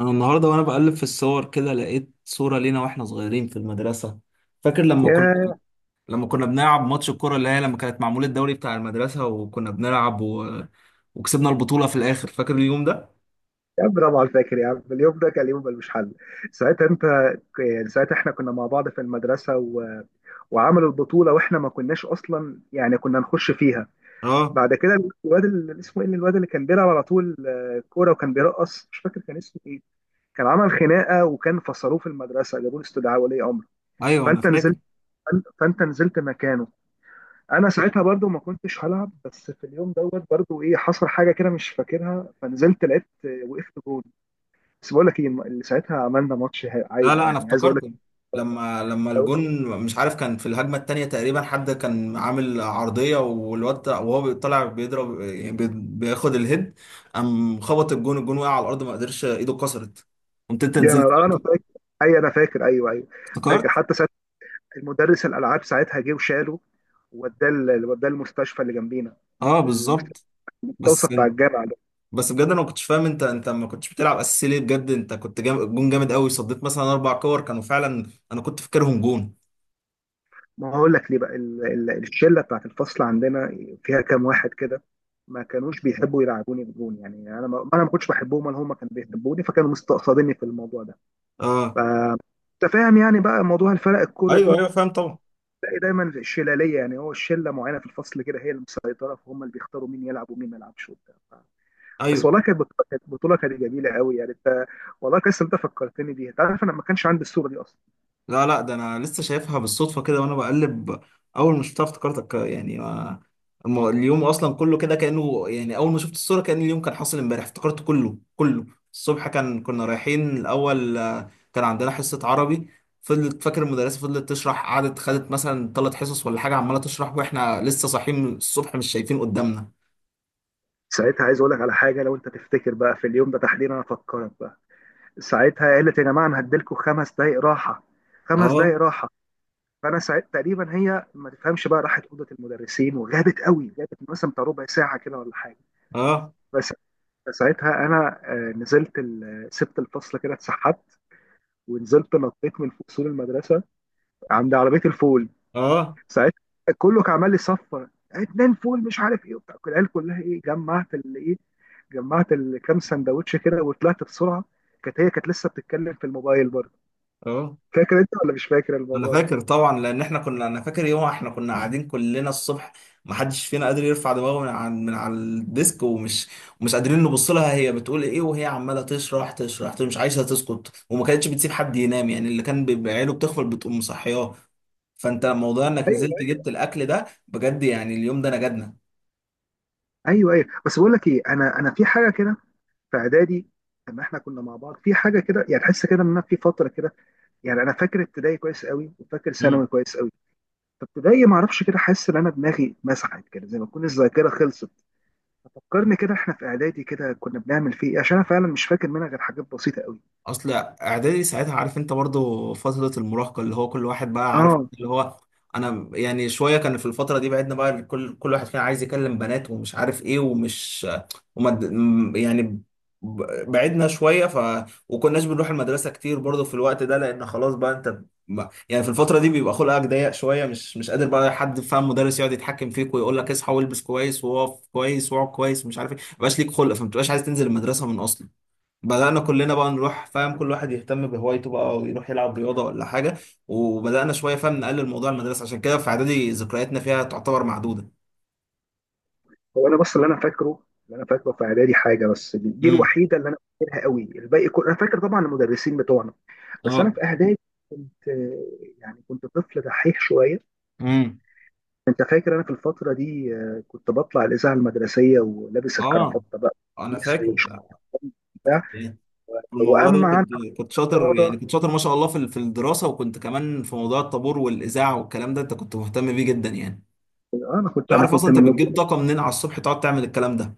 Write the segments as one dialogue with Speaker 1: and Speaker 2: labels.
Speaker 1: انا النهارده وانا بقلب في الصور كده لقيت صورة لينا واحنا صغيرين في المدرسة. فاكر لما كنا
Speaker 2: يا
Speaker 1: لما كنا بنلعب ماتش الكرة اللي هي لما كانت معمول الدوري بتاع المدرسة وكنا بنلعب وكسبنا البطولة في الآخر. فاكر اليوم ده؟
Speaker 2: يا عم طبعا فاكر يا عم. اليوم ده كان يوم ملوش حل. ساعتها انت يعني ساعتها احنا كنا مع بعض في المدرسه وعملوا البطوله، واحنا ما كناش اصلا يعني كنا نخش فيها.
Speaker 1: اه.
Speaker 2: بعد كده الواد اللي اسمه ايه، الواد اللي كان بيلعب على طول، كوره وكان بيرقص، مش فاكر كان اسمه ايه. كان عمل خناقه وكان فصلوه في المدرسه، جابوا له استدعاء ولي امر.
Speaker 1: ايوه انا
Speaker 2: فانت نزلت
Speaker 1: فاكر.
Speaker 2: فانت نزلت مكانه. انا ساعتها برضو ما كنتش هلعب، بس في اليوم دوت برضو ايه حصل حاجه كده مش فاكرها، فنزلت لقيت وقفت جول. بس بقول لك ايه اللي ساعتها، عملنا ماتش
Speaker 1: لا
Speaker 2: عايله
Speaker 1: لا،
Speaker 2: يعني
Speaker 1: انا
Speaker 2: عايز اقول لك.
Speaker 1: افتكرت لما
Speaker 2: إيه،
Speaker 1: الجون، مش عارف كان في الهجمة التانية تقريبا، حد كان عامل عرضية والواد وهو طالع بيضرب يعني بياخد الهيد، قام خبط الجون وقع على الأرض، ما قدرش، ايده اتكسرت. قمت انت
Speaker 2: يا
Speaker 1: نزلت.
Speaker 2: نهار انا فاكر. اي انا فاكر، ايوه، ايوه. فاكر
Speaker 1: افتكرت.
Speaker 2: حتى ساعتها المدرس الالعاب ساعتها جه وشاله ووداه ووداه المستشفى اللي جنبينا،
Speaker 1: اه
Speaker 2: المستشفى
Speaker 1: بالظبط.
Speaker 2: التوصى
Speaker 1: بس
Speaker 2: بتاع
Speaker 1: انت
Speaker 2: الجامعه ده.
Speaker 1: بس بجد انا ما كنتش فاهم انت ما كنتش بتلعب اساسي ليه بجد؟ انت كنت جون جامد قوي، صديت مثلا اربع كور كانوا فعلا انا كنت فاكرهم جون.
Speaker 2: ما هو هقول لك ليه بقى، الشله بتاعت الفصل عندنا فيها كام واحد كده ما كانوش بيحبوا يلعبوني بجون، يعني انا ما كنتش بحبهم ولا هم كانوا بيحبوني، فكانوا مستقصديني في الموضوع ده. ف-
Speaker 1: اه.
Speaker 2: انت فاهم يعني بقى موضوع الفرق الكوره
Speaker 1: ايوه
Speaker 2: دي.
Speaker 1: ايوه فاهم طبعا.
Speaker 2: تلاقي دايما في الشلاليه، يعني هو الشله معينه في الفصل كده، هي المسيطره، فهم اللي بيختاروا مين يلعب ومين ما يلعبش وبتاع. بس
Speaker 1: ايوه.
Speaker 2: والله كانت بطوله، كانت بطوله، جميله قوي يعني. انت والله كويس إن انت فكرتني بيها، انت عارف انا ما كانش عندي الصوره دي اصلا.
Speaker 1: لا لا، ده انا لسه شايفها بالصدفه كده وانا بقلب، اول ما شفتها افتكرتك يعني. ما اليوم اصلا كله كده كانه يعني، اول ما شفت الصوره كان اليوم كان حاصل امبارح، افتكرت كله كله. الصبح كان كنا رايحين الاول، كان عندنا حصه عربي. فضلت فاكر المدرسه فضلت تشرح، قعدت خدت مثلا ثلاث حصص ولا حاجه عماله تشرح واحنا لسه صاحيين الصبح، مش شايفين قدامنا.
Speaker 2: ساعتها عايز اقول لك على حاجه، لو انت تفتكر بقى في اليوم ده تحديدا انا افكرك بقى. ساعتها قالت يا جماعه انا هديلكم 5 دقائق راحه، خمس
Speaker 1: اه.
Speaker 2: دقائق راحه. فانا ساعتها تقريبا هي ما تفهمش بقى، راحت اوضه المدرسين وغابت قوي، غابت مثلا بتاع ربع ساعه كده ولا حاجه.
Speaker 1: اه.
Speaker 2: بس ساعتها انا نزلت سبت الفصل كده، اتسحبت ونزلت نطيت من فوق سور المدرسه عند عربيه الفول.
Speaker 1: اه.
Speaker 2: ساعتها كله كان عمال لي صفر اتنين فول مش عارف ايه وبتاع، العيال كلها ايه جمعت اللي ايه، جمعت الكام سندوتش كده وطلعت بسرعه. كانت هي كانت لسه بتتكلم في الموبايل برضه.
Speaker 1: اه.
Speaker 2: فاكر انت ولا مش فاكر
Speaker 1: انا
Speaker 2: الموضوع ده؟
Speaker 1: فاكر طبعا، لان احنا كنا، انا فاكر يوم احنا كنا قاعدين كلنا الصبح ما حدش فينا قادر يرفع دماغه من على الديسك، ومش قادرين نبص لها هي بتقول ايه، وهي عماله تشرح تشرح مش عايزه تسكت، وما كانتش بتسيب حد ينام يعني، اللي كان بيبقى عينه بتغفل بتقوم مصحياه. فانت موضوع انك
Speaker 2: ايوه
Speaker 1: نزلت جبت الاكل ده بجد، يعني اليوم ده نجدنا.
Speaker 2: ايوه ايوه بس بقول لك ايه، انا في حاجه كده في اعدادي. لما احنا كنا مع بعض في حاجه كده يعني تحس كده ان أنا في فتره كده. يعني انا فاكر ابتدائي كويس قوي، وفاكر ثانوي كويس قوي، فابتدائي ما اعرفش كده، حاسس ان انا دماغي مسحت كده، زي ما تكون الذاكره خلصت. فكرني كده احنا في اعدادي كده كنا بنعمل فيه ايه، عشان انا فعلا مش فاكر منها غير حاجات بسيطه قوي.
Speaker 1: اصل اعدادي ساعتها، عارف انت برضو فترة المراهقة، اللي هو كل واحد بقى عارف
Speaker 2: اه.
Speaker 1: اللي هو، انا يعني شوية كان في الفترة دي بعدنا بقى، كل واحد فينا عايز يكلم بنات ومش عارف ايه، ومش وما يعني بعدنا شوية، ف وكناش بنروح المدرسة كتير برضو في الوقت ده، لان خلاص بقى انت يعني في الفترة دي بيبقى خلقك ضيق شوية، مش قادر بقى حد فاهم مدرس يقعد يتحكم فيك ويقول لك اصحى والبس كويس، وقف كويس، واقعد كويس، ومش عارف ايه. ما بقاش ليك خلق، فما بتبقاش عايز تنزل المدرسة من اصلا. بدأنا كلنا بقى نروح فاهم كل واحد يهتم بهوايته بقى، ويروح يلعب رياضة ولا حاجة، وبدأنا شوية فاهم نقلل موضوع المدرسة، عشان كده في إعدادي ذكرياتنا فيها تعتبر معدودة.
Speaker 2: هو انا بس اللي انا فاكره، اللي انا فاكره في اعدادي حاجه بس، دي, دي
Speaker 1: امم.
Speaker 2: الوحيده اللي انا فاكرها قوي، الباقي كله انا فاكر طبعا المدرسين بتوعنا. بس انا
Speaker 1: اه.
Speaker 2: في اعدادي كنت يعني كنت طفل دحيح شويه.
Speaker 1: امم.
Speaker 2: انت فاكر انا في الفتره دي كنت بطلع الاذاعه المدرسيه ولابس
Speaker 1: اه.
Speaker 2: الكرافته بقى
Speaker 1: انا
Speaker 2: كويس
Speaker 1: فاكر.
Speaker 2: وشورت
Speaker 1: انت
Speaker 2: وبتاع.
Speaker 1: كنت ايه في الموضوع
Speaker 2: واما
Speaker 1: ده،
Speaker 2: عن
Speaker 1: كنت شاطر يعني،
Speaker 2: الرياضه،
Speaker 1: كنت شاطر ما شاء الله في في الدراسه، وكنت كمان في موضوع الطابور والاذاعه والكلام ده انت كنت مهتم بيه جدا يعني.
Speaker 2: انا
Speaker 1: مش
Speaker 2: كنت انا
Speaker 1: عارف اصلا
Speaker 2: كنت
Speaker 1: انت
Speaker 2: من
Speaker 1: بتجيب
Speaker 2: نجوم.
Speaker 1: طاقه منين على الصبح تقعد تعمل الكلام ده.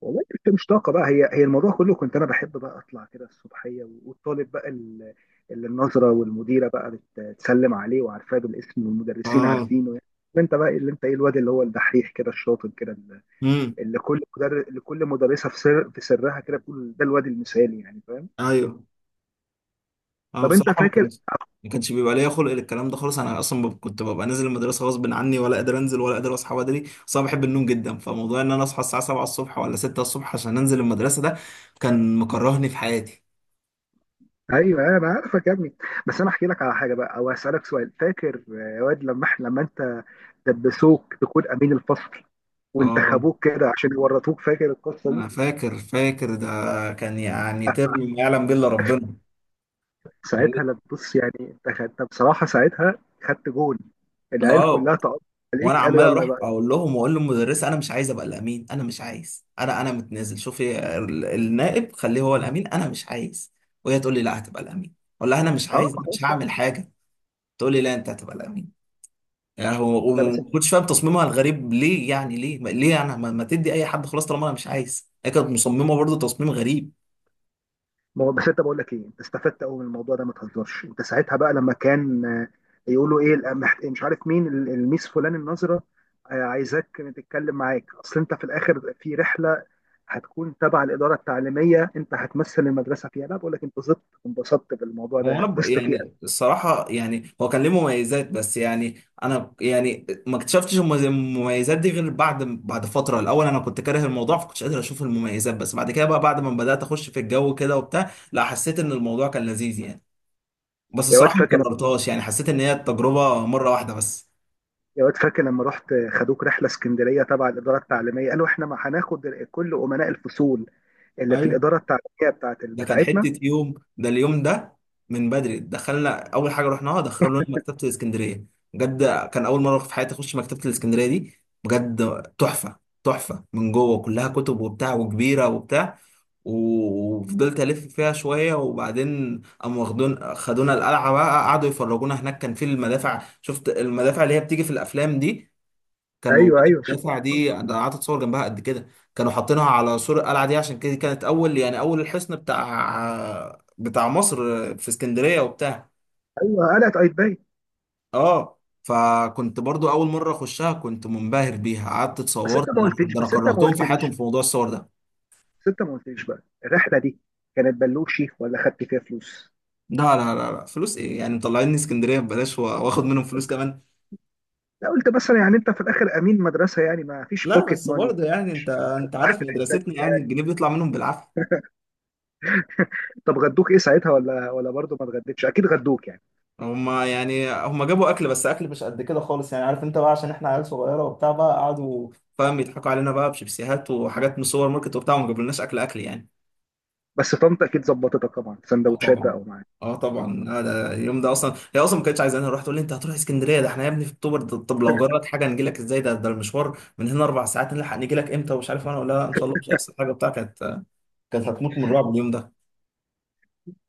Speaker 2: والله كنت مش طاقه بقى، هي الموضوع كله كنت انا بحب بقى اطلع كده الصبحيه، والطالب بقى اللي النظره والمديره بقى بتسلم عليه وعارفاه بالاسم والمدرسين
Speaker 1: اه.
Speaker 2: عارفينه يعني. انت بقى اللي انت ايه، الواد اللي هو الدحيح كده الشاطر كده، اللي
Speaker 1: امم.
Speaker 2: اللي كل مدرس لكل مدرسه في سر في سرها كده بتقول ده الواد المثالي يعني فاهم.
Speaker 1: ايوه. انا
Speaker 2: طب انت
Speaker 1: بصراحه ما
Speaker 2: فاكر،
Speaker 1: كانش بيبقى ليا خلق للكلام ده خالص. انا اصلا كنت ببقى نازل المدرسه غصب عني، ولا قادر انزل ولا قادر اصحى بدري، بس انا بحب النوم جدا، فموضوع ان انا اصحى الساعه 7 الصبح ولا 6 الصبح عشان انزل المدرسه ده، كان مكرهني في حياتي.
Speaker 2: ايوه أيوة، انا عارفك يا ابني. بس انا احكي لك على حاجه بقى او اسالك سؤال. فاكر يا واد لما احنا لما انت دبسوك تكون امين الفصل
Speaker 1: اه.
Speaker 2: وانتخبوك كده عشان يورطوك، فاكر القصه دي؟
Speaker 1: انا فاكر ده، كان يعني
Speaker 2: آه،
Speaker 1: ترم ما يعلم به الا ربنا.
Speaker 2: ساعتها لما بص يعني انت خدت بصراحه، ساعتها خدت جون، العيال
Speaker 1: اه.
Speaker 2: كلها تقطع
Speaker 1: وانا
Speaker 2: عليك، قالوا
Speaker 1: عمال
Speaker 2: يلا
Speaker 1: اروح
Speaker 2: بقى.
Speaker 1: اقول لهم واقول للمدرسه انا مش عايز ابقى الامين، انا مش عايز، انا متنازل، شوفي النائب خليه هو الامين، انا مش عايز. وهي تقول لي لا هتبقى الامين. اقول لها انا مش
Speaker 2: اه،
Speaker 1: عايز، أنا مش
Speaker 2: خلاص بقى.
Speaker 1: هعمل حاجه. تقول لي لا انت هتبقى الامين. يعني هو
Speaker 2: لا بس
Speaker 1: وما كنتش فاهم تصميمها الغريب ليه، يعني ليه ليه انا ما تدي اي حد خلاص طالما انا مش عايز؟ هي كانت مصممه برضه تصميم غريب.
Speaker 2: ما هو بس انت بقول لك ايه، انت استفدت قوي من الموضوع ده، ما تهزرش. انت ساعتها بقى لما كان يقولوا ايه، مش عارف مين، الميس فلان النظره عايزاك تتكلم معاك، اصل انت في الاخر في رحله هتكون تبع الاداره التعليميه، انت هتمثل المدرسه فيها. لا بقول لك انت زدت وانبسطت بالموضوع
Speaker 1: هو انا
Speaker 2: ده، غصت فيه قوي.
Speaker 1: يعني الصراحه يعني، هو كان ليه مميزات بس يعني، انا يعني ما اكتشفتش المميزات دي غير بعد فتره. الاول انا كنت كاره الموضوع فكنتش قادر اشوف المميزات، بس بعد كده بقى، بعد ما بدات اخش في الجو كده وبتاع، لا حسيت ان الموضوع كان لذيذ يعني. بس
Speaker 2: يا واد
Speaker 1: الصراحه ما
Speaker 2: فاكر
Speaker 1: كررتهاش، يعني حسيت ان هي التجربه مره واحده بس.
Speaker 2: يا واد فاكر لما رحت خدوك رحله اسكندريه تبع الاداره التعليميه، قالوا احنا ما هناخد كل امناء الفصول اللي في
Speaker 1: ايوه.
Speaker 2: الاداره التعليميه بتاعت
Speaker 1: ده كان
Speaker 2: بتاعتنا
Speaker 1: حتة يوم ده، اليوم ده من بدري دخلنا، أول حاجة رحناها دخلونا مكتبة الإسكندرية. بجد كان أول مرة في حياتي أخش مكتبة الإسكندرية دي. بجد تحفة، تحفة من جوه، كلها كتب وبتاع وكبيرة وبتاع، وفضلت ألف فيها شوية، وبعدين قاموا خدونا القلعة بقى، قعدوا يفرجونا هناك. كان في المدافع، شفت المدافع اللي هي بتيجي في الأفلام دي، كان موجود.
Speaker 2: ايوه، ايوه، شوف.
Speaker 1: المدافع دي انا قعدت اتصور جنبها قد كده، كانوا حاطينها على سور القلعه دي، عشان كده كانت اول يعني اول الحصن بتاع مصر في اسكندريه وبتاع.
Speaker 2: ايوه قلقت ايدباي.
Speaker 1: اه. فكنت برضو اول مره اخشها، كنت منبهر بيها، قعدت
Speaker 2: بس انت
Speaker 1: اتصورت،
Speaker 2: ما
Speaker 1: ده
Speaker 2: قلتليش
Speaker 1: ده انا
Speaker 2: بس انت ما
Speaker 1: كرهتهم في حياتهم
Speaker 2: قلتليش
Speaker 1: في موضوع الصور ده.
Speaker 2: بس انت ما قلتليش بقى الرحله دي كانت بلوشي ولا خدت فيها فلوس؟
Speaker 1: لا لا لا لا، فلوس ايه يعني، مطلعيني اسكندريه ببلاش واخد منهم فلوس كمان؟
Speaker 2: لا قلت مثلا يعني انت في الاخر امين مدرسه يعني ما فيش
Speaker 1: لا
Speaker 2: بوكيت
Speaker 1: بس
Speaker 2: ماني
Speaker 1: برضه يعني، انت عارف
Speaker 2: تحت الحساب
Speaker 1: مدرستنا يعني،
Speaker 2: بتاعك.
Speaker 1: الجنيه بيطلع منهم بالعافيه.
Speaker 2: طب غدوك ايه ساعتها؟ ولا برضه ما اتغديتش؟ اكيد غدوك يعني.
Speaker 1: هما يعني هما جابوا اكل، بس اكل مش قد كده خالص يعني، عارف انت بقى، عشان احنا عيال صغيره وبتاع بقى قعدوا فاهم يضحكوا علينا بقى بشيبسيهات وحاجات من سوبر ماركت وبتاع، وما جابولناش اكل اكل يعني.
Speaker 2: بس طنط اكيد ظبطتك طبعا
Speaker 1: اه
Speaker 2: سندوتشات
Speaker 1: طبعا.
Speaker 2: بقى ومعاك.
Speaker 1: اه طبعا.
Speaker 2: اه.
Speaker 1: لا ده اليوم ده اصلا هي اصلا ما كانتش عايزاني اروح، تقول لي انت هتروح اسكندريه، ده احنا يا ابني في اكتوبر طب لو جرت حاجه نجي لك ازاي؟ ده المشوار من هنا اربع ساعات، نلحق نجي لك امتى ومش عارف. انا ولا لا ان شاء الله مش هيحصل حاجه بتاع، كانت هتموت من الرعب اليوم ده.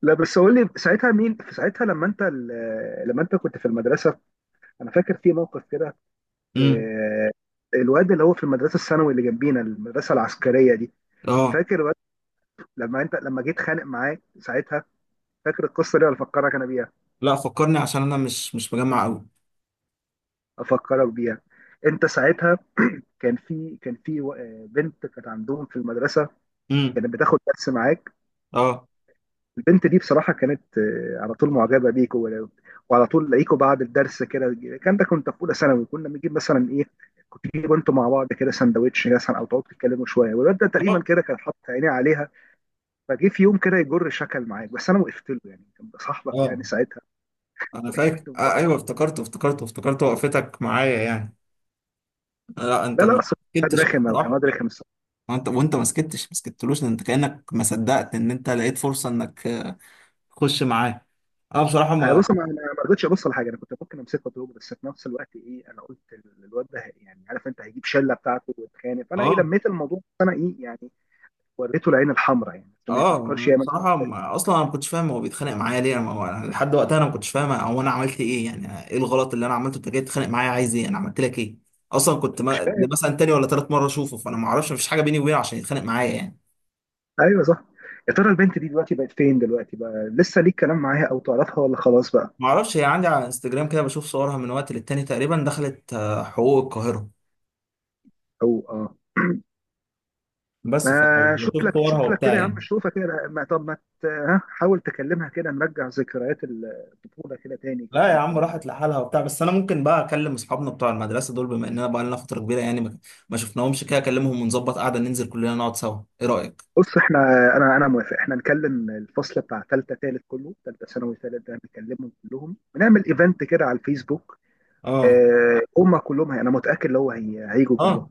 Speaker 2: لا بس قول لي ساعتها، مين في ساعتها لما انت لما انت كنت في المدرسه. انا فاكر في موقف كده،
Speaker 1: امم.
Speaker 2: آه، الواد اللي هو في المدرسه الثانوي اللي جنبينا، المدرسه العسكريه دي.
Speaker 1: اه.
Speaker 2: فاكر لما انت لما جيت خانق معاه ساعتها، فاكر القصه دي ولا افكرك انا بيها؟
Speaker 1: لا فكرني عشان انا مش مجمع قوي.
Speaker 2: افكرك بيها. انت ساعتها كان في بنت كانت عندهم في المدرسه،
Speaker 1: امم.
Speaker 2: كانت بتاخد درس معاك.
Speaker 1: اه.
Speaker 2: البنت دي بصراحه كانت على طول معجبه بيك، وعلى طول لاقيكوا بعد الدرس كده. كان ده كنت في اولى ثانوي، كنا بنجيب مثلا ايه، كنت تجيبوا انتوا مع بعض كده سندوتش مثلا، او تقعدوا تتكلموا شويه. والواد ده تقريبا
Speaker 1: اه.
Speaker 2: كده كان حاطط عينيه عليها. فجه في يوم كده يجر شكل معاك، بس انا وقفت له يعني، كان صاحبك
Speaker 1: اه.
Speaker 2: يعني ساعتها.
Speaker 1: انا فاكر
Speaker 2: وقفت له.
Speaker 1: آه ايوه، افتكرته افتكرته افتكرته، وقفتك معايا يعني. لا انت
Speaker 2: لا لا،
Speaker 1: ما
Speaker 2: اصل واد
Speaker 1: سكتش
Speaker 2: رخم، او كان
Speaker 1: بصراحه.
Speaker 2: واد رخم الصراحه.
Speaker 1: وانت ما سكتش ما سكتلوش، ده انت كانك ما صدقت ان انت لقيت فرصه انك تخش معاه. انا بصراحه
Speaker 2: أنا
Speaker 1: ما.
Speaker 2: بص انا أنا ما رضيتش ابص لحاجه، انا كنت ممكن امسكه واضربه، بس في نفس الوقت ايه، انا قلت الواد ده يعني عارف انت هيجيب شله بتاعته ويتخانق، فانا ايه
Speaker 1: اه.
Speaker 2: لميت الموضوع، بس انا ايه يعني وريته العين الحمراء يعني، بس ما
Speaker 1: اه.
Speaker 2: يفكرش
Speaker 1: انا
Speaker 2: يعمل.
Speaker 1: بصراحه ما... اصلا انا ما كنتش فاهم هو بيتخانق معايا ليه، انا ما... هو أنا لحد وقتها انا ما كنتش فاهم هو انا عملت ايه، يعني ايه الغلط اللي انا عملته انت جاي تتخانق معايا، عايز ايه، انا عملت لك ايه؟ اصلا كنت
Speaker 2: مش
Speaker 1: ما... دي
Speaker 2: فاهم.
Speaker 1: مثلا تاني ولا تالت مره اشوفه، فانا ما اعرفش، مفيش حاجه بيني وبينه عشان يتخانق معايا يعني.
Speaker 2: ايوه صح. يا ترى البنت دي دلوقتي بقت فين؟ دلوقتي بقى لسه ليك كلام معاها او تعرفها ولا خلاص بقى؟
Speaker 1: ما اعرفش، هي عندي على انستجرام كده بشوف صورها من وقت للتاني، تقريبا دخلت حقوق القاهرة.
Speaker 2: او اه. ما
Speaker 1: بس
Speaker 2: شوف
Speaker 1: فبشوف
Speaker 2: لك،
Speaker 1: صورها
Speaker 2: شوف لك
Speaker 1: وبتاع
Speaker 2: كده يا عم،
Speaker 1: يعني.
Speaker 2: شوفها كده ما، طب ما ها، حاول تكلمها كده نرجع ذكريات الطفوله كده تاني كده
Speaker 1: لا يا عم
Speaker 2: يمكن.
Speaker 1: راحت لحالها وبتاع، بس انا ممكن بقى اكلم اصحابنا بتوع المدرسة دول، بما اننا بقى لنا فترة كبيرة يعني ما شفناهمش كده، اكلمهم ونظبط قعدة ننزل كلنا نقعد سوا، ايه رأيك؟
Speaker 2: بص احنا انا موافق، احنا نكلم الفصل بتاع ثالثه ثالث كله، ثالثه ثانوي ثالث ده نكلمهم كلهم ونعمل ايفنت كده على الفيسبوك.
Speaker 1: اه.
Speaker 2: اه هم كلهم انا متاكد لو هي هيجوا كلهم.
Speaker 1: اه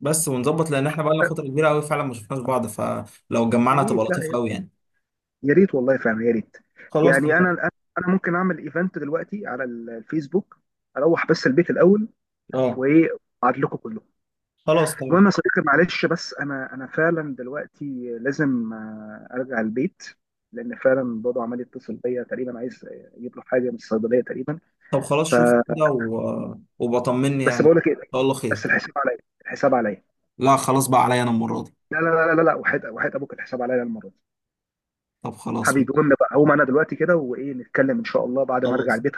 Speaker 1: بس ونظبط، لان احنا بقى لنا
Speaker 2: آه،
Speaker 1: فترة كبيرة قوي فعلا ما شفناش بعض، فلو
Speaker 2: يا
Speaker 1: اتجمعنا تبقى
Speaker 2: ريت،
Speaker 1: لطيفة
Speaker 2: لا
Speaker 1: قوي يعني.
Speaker 2: يا ريت والله فعلا يا ريت.
Speaker 1: خلاص
Speaker 2: يعني انا
Speaker 1: تمام.
Speaker 2: انا أنا ممكن اعمل ايفنت دلوقتي على الفيسبوك، اروح بس البيت الاول
Speaker 1: اه
Speaker 2: وايه ابعت لكم كلهم.
Speaker 1: خلاص تمام.
Speaker 2: المهم يا صديقي معلش، بس انا فعلا دلوقتي لازم ارجع البيت، لان فعلا بابا عمال يتصل بيا، تقريبا عايز يجيب له حاجه من الصيدليه تقريبا.
Speaker 1: طب خلاص
Speaker 2: ف
Speaker 1: شوف كده وبطمني
Speaker 2: بس
Speaker 1: يعني ان
Speaker 2: بقول لك ايه،
Speaker 1: شاء الله خير.
Speaker 2: بس الحساب عليا، الحساب عليا.
Speaker 1: لا خلاص بقى عليا انا المرة دي.
Speaker 2: لا، لا، لا، لا، لا، وحيد، وحيد ابوك، الحساب عليا المره دي.
Speaker 1: طب خلاص.
Speaker 2: حبيبي قوم بقى، هقوم انا دلوقتي كده وايه نتكلم ان شاء الله بعد ما ارجع
Speaker 1: خلاص
Speaker 2: البيت.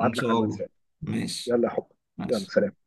Speaker 1: إن شاء
Speaker 2: لك على
Speaker 1: الله.
Speaker 2: الواتساب.
Speaker 1: ماشي.
Speaker 2: يلا يا حب. يلا
Speaker 1: ماشي.
Speaker 2: سلام.